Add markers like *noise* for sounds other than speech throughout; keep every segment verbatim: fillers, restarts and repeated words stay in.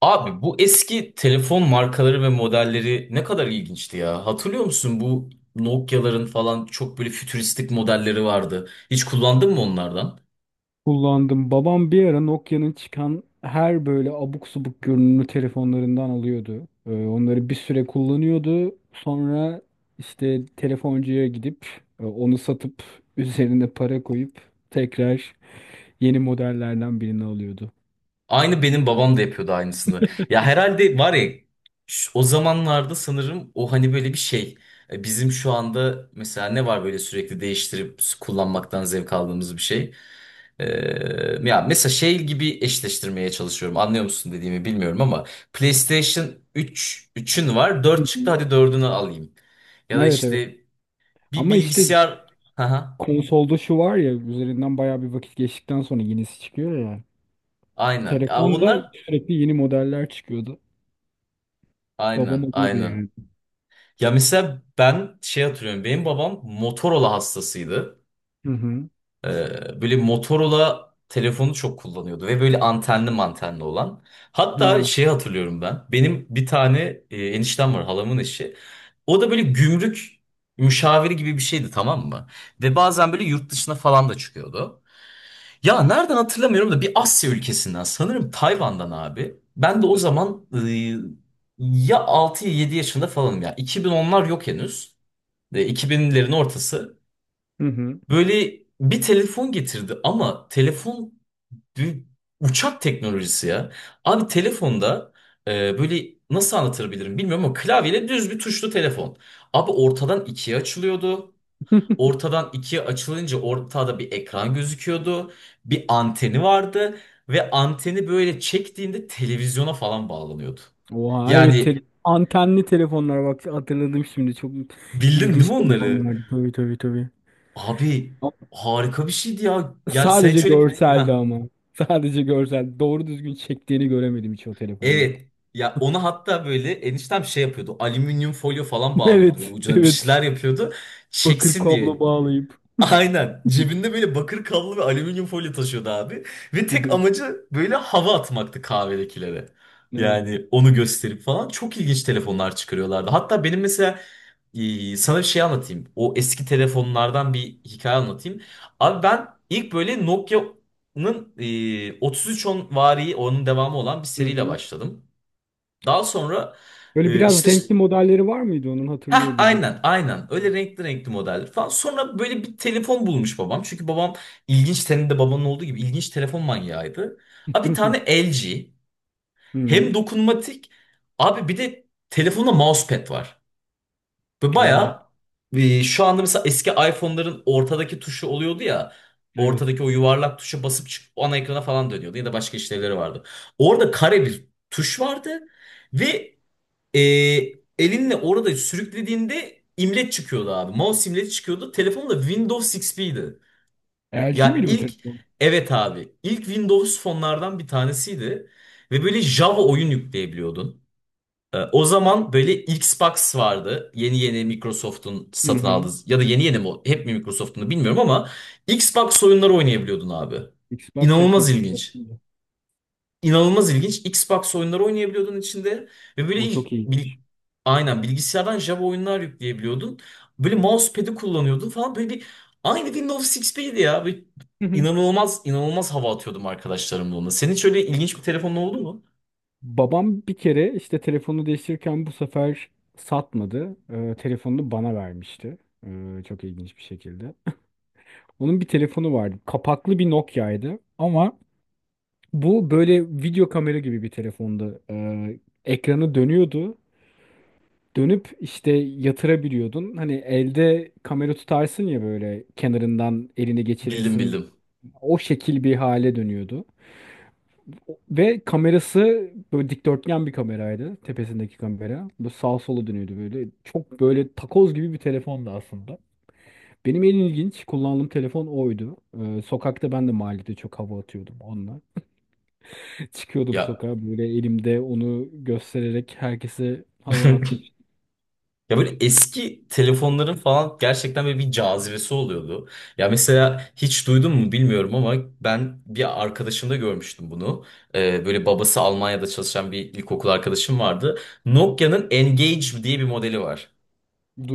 Abi bu eski telefon markaları ve modelleri ne kadar ilginçti ya. Hatırlıyor musun bu Nokia'ların falan çok böyle fütüristik modelleri vardı. Hiç kullandın mı onlardan? Kullandım. Babam bir ara Nokia'nın çıkan her böyle abuk subuk görünümlü telefonlarından alıyordu. Ee, onları bir süre kullanıyordu. Sonra işte telefoncuya gidip e, onu satıp *laughs* üzerine para koyup tekrar yeni modellerden birini alıyordu. Aynı benim babam da yapıyordu aynısını. Ya herhalde var ya şu- o zamanlarda sanırım o hani böyle bir şey. E, Bizim şu anda mesela ne var böyle sürekli değiştirip kullanmaktan zevk aldığımız bir şey. Ee, ya mesela şey gibi eşleştirmeye çalışıyorum. Anlıyor musun dediğimi bilmiyorum ama PlayStation üç üçün var. Hı Dört çıktı, hı. hadi dördünü alayım. Ya da Evet, evet. işte bir Ama işte bilgisayar. *laughs* Haha, konsolda şu var ya, üzerinden bayağı bir vakit geçtikten sonra yenisi çıkıyor ya. aynen. Ya Telefonda onlar, sürekli yeni modeller çıkıyordu. aynen Babam alıyordu aynen. yani. Ya mesela ben şey hatırlıyorum. Benim babam Motorola hastasıydı. Hı hı. Ee, böyle Motorola telefonu çok kullanıyordu ve böyle antenli mantenli olan. Hatta Ha. şey hatırlıyorum ben. Benim bir tane e, eniştem var, halamın eşi. O da böyle gümrük müşaviri gibi bir şeydi, tamam mı? Ve bazen böyle yurt dışına falan da çıkıyordu. Ya nereden hatırlamıyorum da bir Asya ülkesinden, sanırım Tayvan'dan abi. Ben de o zaman e, ya altı ya yedi yaşında falanım ya. iki bin onlar yok henüz. E, iki binlerin ortası. Hı hı. Böyle bir telefon getirdi ama telefon bir uçak teknolojisi ya. Abi telefonda, e, böyle nasıl anlatabilirim bilmiyorum ama, klavyeyle düz bir tuşlu telefon. Abi ortadan ikiye açılıyordu. Ortadan ikiye açılınca ortada bir ekran gözüküyordu. Bir anteni vardı ve anteni böyle çektiğinde televizyona falan bağlanıyordu. Oha, evet, te- Yani antenli telefonlar, bak hatırladım şimdi, çok bildin değil ilginç mi onları? telefonlardı, tabii, tabii, tabii. Abi Ama harika bir şeydi ya. Ya sen sadece şöyle bir, görseldi ha, ama. Sadece görsel. Doğru düzgün çektiğini göremedim hiç o telefonları. evet. Ya onu hatta böyle eniştem şey yapıyordu. Alüminyum folyo falan *laughs* bağlıyordu, böyle Evet, ucuna bir evet. şeyler yapıyordu. Bakır Çeksin kablo diye. bağlayıp. Aynen. Cebinde böyle bakır kablo ve alüminyum folyo taşıyordu abi. Ve tek Evet, amacı böyle hava atmaktı kahvedekilere. evet. Yani onu gösterip falan. Çok ilginç telefonlar çıkarıyorlardı. Hatta benim mesela, ee, sana bir şey anlatayım. O eski telefonlardan bir hikaye anlatayım. Abi ben ilk böyle Nokia'nın, e, otuz üç on vari onun devamı olan bir Hı seriyle hı. başladım. Daha sonra Böyle e, biraz işte. renkli modelleri var mıydı onun, hatırlıyor Hah, gibi. aynen aynen, öyle renkli renkli modeller falan. Sonra böyle bir telefon bulmuş babam. Çünkü babam, ilginç, senin de babanın olduğu gibi ilginç telefon manyağıydı. Abi bir tane *laughs* L G, Hı hem hı. dokunmatik, abi bir de telefonda mousepad var. Ve Oha, bayağı, e, şu anda mesela eski iPhone'ların ortadaki tuşu oluyordu ya. evet. Ortadaki o yuvarlak tuşa basıp çık ana ekrana falan dönüyordu ya da başka işlevleri vardı. Orada kare bir tuş vardı ve, ee, elinle orada sürüklediğinde imleç çıkıyordu abi. Mouse imleci çıkıyordu. Telefon da Windows X P'ydi. L G Ya miydi bu ilk, telefon? evet abi, ilk Windows fonlardan bir tanesiydi. Ve böyle Java oyun yükleyebiliyordun. Ee, o zaman böyle Xbox vardı. Yeni yeni Microsoft'un Hı satın aldığı hı. ya da yeni yeni mi hep mi Microsoft'un da bilmiyorum ama Xbox oyunları oynayabiliyordun abi. Xbox hep İnanılmaz ilginç, Microsoft'tu. inanılmaz ilginç. Xbox oyunları oynayabiliyordun içinde ve böyle O il- çok bil- iyiymiş. aynen bilgisayardan Java oyunlar yükleyebiliyordun. Böyle mousepad'i kullanıyordun falan, böyle bir, aynı Windows X P'ydi ya. Böyle *laughs* inanılmaz inanılmaz hava atıyordum arkadaşlarımla onunla. Senin hiç öyle ilginç bir telefonun oldu mu? Babam bir kere işte telefonu değiştirirken bu sefer satmadı. Ee, telefonunu bana vermişti. Ee, çok ilginç bir şekilde. Onun bir telefonu vardı. Kapaklı bir Nokia'ydı. Ama bu böyle video kamera gibi bir telefondu. Ee, ekranı dönüyordu. Dönüp işte yatırabiliyordun. Hani elde kamera tutarsın ya, böyle kenarından elini Bildim geçirirsin. bildim. O şekil bir hale dönüyordu. Ve kamerası böyle dikdörtgen bir kameraydı. Tepesindeki kamera. Bu sağa sola dönüyordu böyle. Çok böyle takoz gibi bir telefondu aslında. Benim en ilginç kullandığım telefon oydu. Ee, sokakta ben de mahallede çok hava atıyordum onunla. *laughs* Çıkıyordum Ya. sokağa böyle, elimde onu göstererek herkese hava *laughs* atmış. Ya böyle eski telefonların falan gerçekten böyle bir cazibesi oluyordu. Ya mesela hiç duydun mu bilmiyorum ama ben bir arkadaşımda görmüştüm bunu. Ee, böyle babası Almanya'da çalışan bir ilkokul arkadaşım vardı. Nokia'nın Engage diye bir modeli var.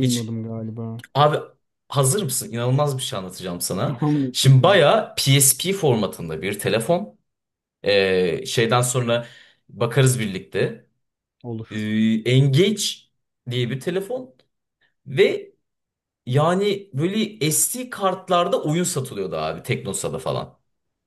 Hiç galiba. abi, hazır mısın? İnanılmaz bir şey anlatacağım sana. *laughs* Anlat Şimdi bakalım. bayağı P S P formatında bir telefon. Ee, şeyden sonra bakarız birlikte. Olur. Ee, Engage diye bir telefon. Ve yani böyle S D kartlarda oyun satılıyordu abi, Teknosa'da falan.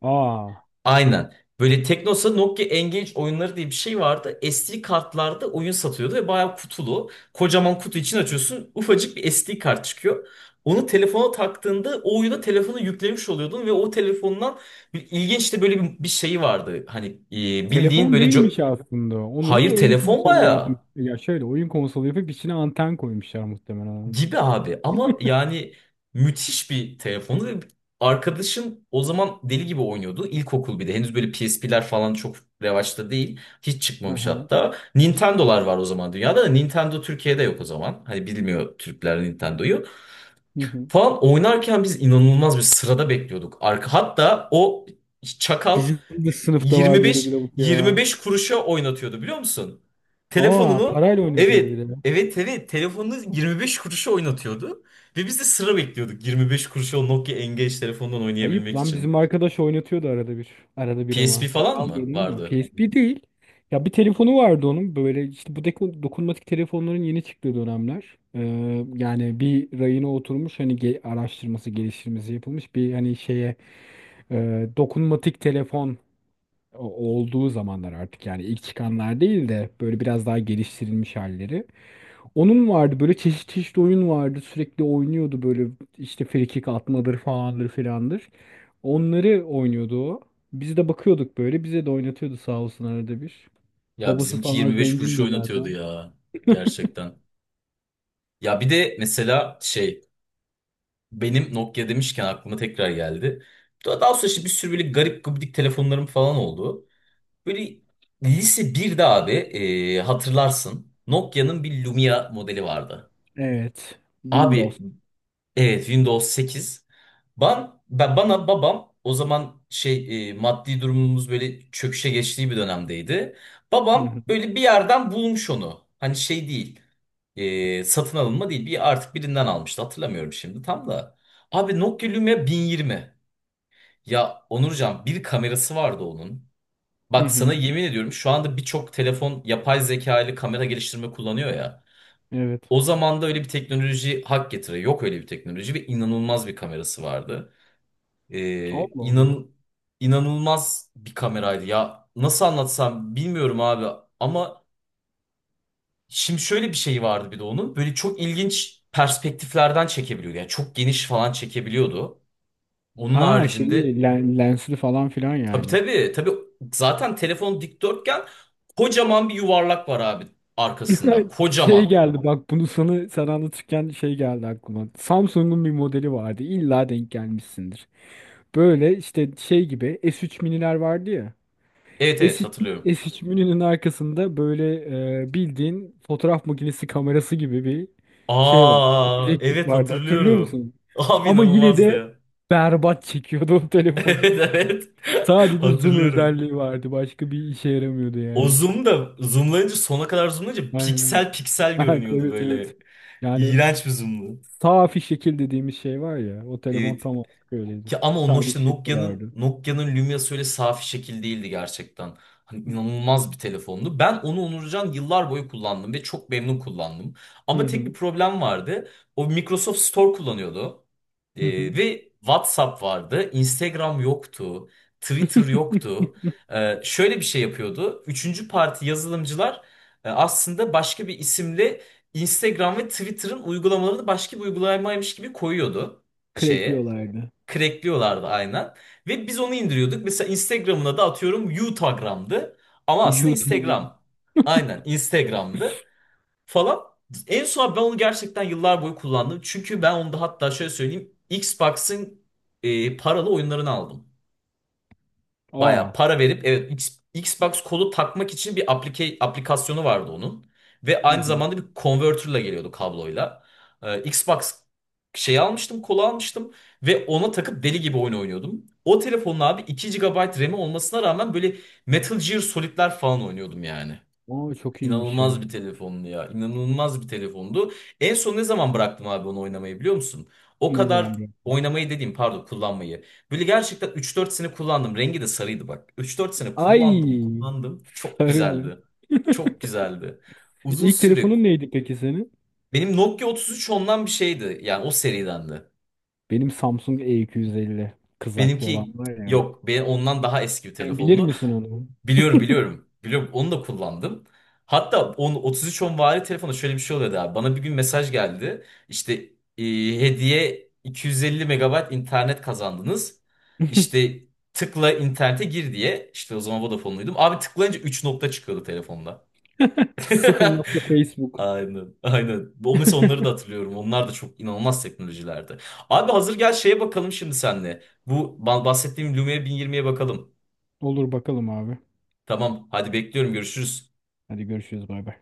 Aa, Aynen. Böyle Teknosa Nokia Engage oyunları diye bir şey vardı. S D kartlarda oyun satıyordu ve bayağı kutulu. Kocaman kutu için açıyorsun. Ufacık bir S D kart çıkıyor. Onu telefona taktığında o oyuna telefonu yüklemiş oluyordun ve o telefondan bir- ilginç de böyle bir, bir şey vardı. Hani, e, bildiğin telefon böyle co- değilmiş aslında. Onu hayır, oyun telefon konsolu bayağı. yapmış. Ya şöyle oyun konsolu yapıp içine anten koymuşlar muhtemelen. Gibi abi ama yani, müthiş bir telefonu ve arkadaşım o zaman deli gibi oynuyordu. İlkokul bir de henüz böyle P S P'ler falan çok revaçta değil. Hiç çıkmamış *laughs* hatta. Nintendo'lar var o zaman dünyada da Nintendo Türkiye'de yok o zaman. Hani bilmiyor Türkler Nintendo'yu. Hı hı. Falan oynarken biz inanılmaz bir sırada bekliyorduk. Arka hatta o çakal Bizim de sınıfta vardı öyle bir 25 lavuk ya. 25 kuruşa oynatıyordu, biliyor musun? Aa, Telefonunu, parayla oynatıyordu evet bir de. evet evet, telefonunu yirmi beş kuruşa oynatıyordu ve biz de sıra bekliyorduk yirmi beş kuruşa o Nokia Engage telefondan Ayıp oynayabilmek lan, için. bizim arkadaş oynatıyordu arada bir. Arada bir P S P ama. Para falan mı almıyordum ama. vardı? P S P değil. Ya bir telefonu vardı onun. Böyle işte bu deko- dokunmatik telefonların yeni çıktığı dönemler. Ee, yani bir rayına oturmuş, hani ge- araştırması geliştirmesi yapılmış bir hani şeye, e, dokunmatik telefon o- olduğu zamanlar artık yani, ilk çıkanlar değil de böyle biraz daha geliştirilmiş halleri. Onun vardı, böyle çeşit çeşit oyun vardı. Sürekli oynuyordu böyle, işte frikik atmadır falandır filandır. Onları oynuyordu o. Biz de bakıyorduk böyle. Bize de oynatıyordu sağ olsun arada bir. Ya Babası bizimki falan yirmi beş kuruşa zengindi oynatıyordu zaten. ya, gerçekten. Ya bir de mesela şey, benim Nokia demişken aklıma tekrar geldi. Daha daha sonra işte bir sürü böyle garip gubidik telefonlarım falan oldu. Böyle lise birde abi, e, hatırlarsın Nokia'nın bir Lumia modeli vardı. Evet. Abi Windows. evet, Windows sekiz. Ben, ben bana babam o zaman şey, e, maddi durumumuz böyle çöküşe geçtiği bir dönemdeydi. Hı Babam hı. böyle bir yerden bulmuş onu. Hani şey değil, e, satın alınma değil. Bir artık birinden almıştı. Hatırlamıyorum şimdi tam da. Abi Nokia Lumia bin yirmi. Ya Onurcan, bir kamerası vardı onun. Hı Bak sana hı. yemin ediyorum, şu anda birçok telefon yapay zeka ile kamera geliştirme kullanıyor ya. Evet. O zaman da öyle bir teknoloji hak getire. Yok öyle bir teknoloji ve inanılmaz bir kamerası vardı. Ee, Allah Allah. inan, inanılmaz bir kameraydı ya. Nasıl anlatsam bilmiyorum abi ama, şimdi şöyle bir şey vardı bir de onun. Böyle çok ilginç perspektiflerden çekebiliyordu. Yani çok geniş falan çekebiliyordu. Onun Ha, şeyi, haricinde, len- lensli falan filan tabii yani. tabii. Tabii, zaten telefon dikdörtgen, kocaman bir yuvarlak var abi arkasında. *laughs* Şey Kocaman. geldi bak, bunu sana sen anlatırken şey geldi aklıma. Samsung'un bir modeli vardı. İlla denk gelmişsindir. Böyle işte şey gibi S üç miniler vardı ya. Evet evet, S üç, hatırlıyorum. S üç mininin arkasında böyle, e, bildiğin fotoğraf makinesi kamerası gibi bir şey var. Aa Objektif evet, vardı, hatırlıyor hatırlıyorum. musun? *laughs* Abi Ama yine inanılmazdı de ya. berbat çekiyordu o *laughs* Evet telefon. evet. *laughs* Sadece zoom Hatırlıyorum. özelliği vardı. Başka bir işe yaramıyordu O yani. zoom da zoomlayınca, sona kadar zoomlayınca, Aynen. piksel piksel *laughs* Evet, görünüyordu evet, böyle. evet. Yani İğrenç bir zoomdu. safi şekil dediğimiz şey var ya, o telefon Evet. tam olarak öyleydi. Ki ama o Sadece işte şekli Nokia'nın vardı. Nokia'nın Lumia'sı öyle safi şekil değildi gerçekten. Hani inanılmaz bir telefondu. Ben onu Onurcan yıllar boyu kullandım ve çok memnun kullandım. Hı Ama tek bir hı. problem vardı. O Microsoft Store kullanıyordu. Ee, Hı hı. ve WhatsApp vardı. Instagram yoktu. Twitter yoktu. *laughs* Ee, şöyle bir şey yapıyordu. Üçüncü parti yazılımcılar, e, aslında başka bir isimle Instagram ve Twitter'ın uygulamalarını başka bir uygulamaymış gibi koyuyordu şeye. Crackliyorlardı. Crackliyorlardı, aynen. Ve biz onu indiriyorduk. Mesela Instagram'ına da atıyorum Utagram'dı. Ama aslında YouTube'dan. Instagram. Aynen Instagram'dı falan. En son ben onu gerçekten yıllar boyu kullandım. Çünkü ben onu da hatta şöyle söyleyeyim. Xbox'ın, e, paralı oyunlarını aldım. Baya Aa. para verip, evet, X- Xbox kolu takmak için bir aplike, aplikasyonu vardı onun. Ve Hı aynı hı. zamanda bir converter'la geliyordu, kabloyla. Ee, Xbox şey almıştım, kolu almıştım ve ona takıp deli gibi oyun oynuyordum. O telefonun abi iki gigabayt RAM'i olmasına rağmen böyle Metal Gear Solid'ler falan oynuyordum yani. Aa, çok iyiymiş İnanılmaz ya. bir telefondu ya. İnanılmaz bir telefondu. En son ne zaman bıraktım abi onu oynamayı biliyor musun? O Ne zaman kadar bu? oynamayı dediğim, pardon, kullanmayı. Böyle gerçekten üç dört sene kullandım. Rengi de sarıydı, bak. Üç dört sene kullandım Ay. kullandım. Çok Sarı mı? güzeldi. Çok güzeldi. Uzun İlk süre. telefonun neydi peki senin? Benim Nokia otuz üç ondan bir şeydi. Yani o seriden. Benim Samsung E iki yüz elli. Kızaklı olan Benimki var ya. yok. Benim ondan daha eski bir Sen bilir telefondu. misin onu? Biliyorum biliyorum. Biliyorum, onu da kullandım. Hatta on, otuz üç on vari telefonu şöyle bir şey oluyordu abi. Bana bir gün mesaj geldi. İşte, e, hediye iki yüz elli megabayt internet kazandınız. *laughs* İşte tıkla internete gir diye. İşte o zaman Vodafone'luydum. Abi tıklayınca üç nokta çıkıyordu telefonda. Sıfır *laughs* nokta Facebook. Aynen, aynen. O mesela onları da hatırlıyorum. Onlar da çok inanılmaz teknolojilerdi. Abi hazır gel şeye bakalım şimdi senle. Bu ba- bahsettiğim Lumia bin yirmiye bakalım. Olur bakalım abi. Tamam, hadi bekliyorum. Görüşürüz. Hadi görüşürüz, bay bay.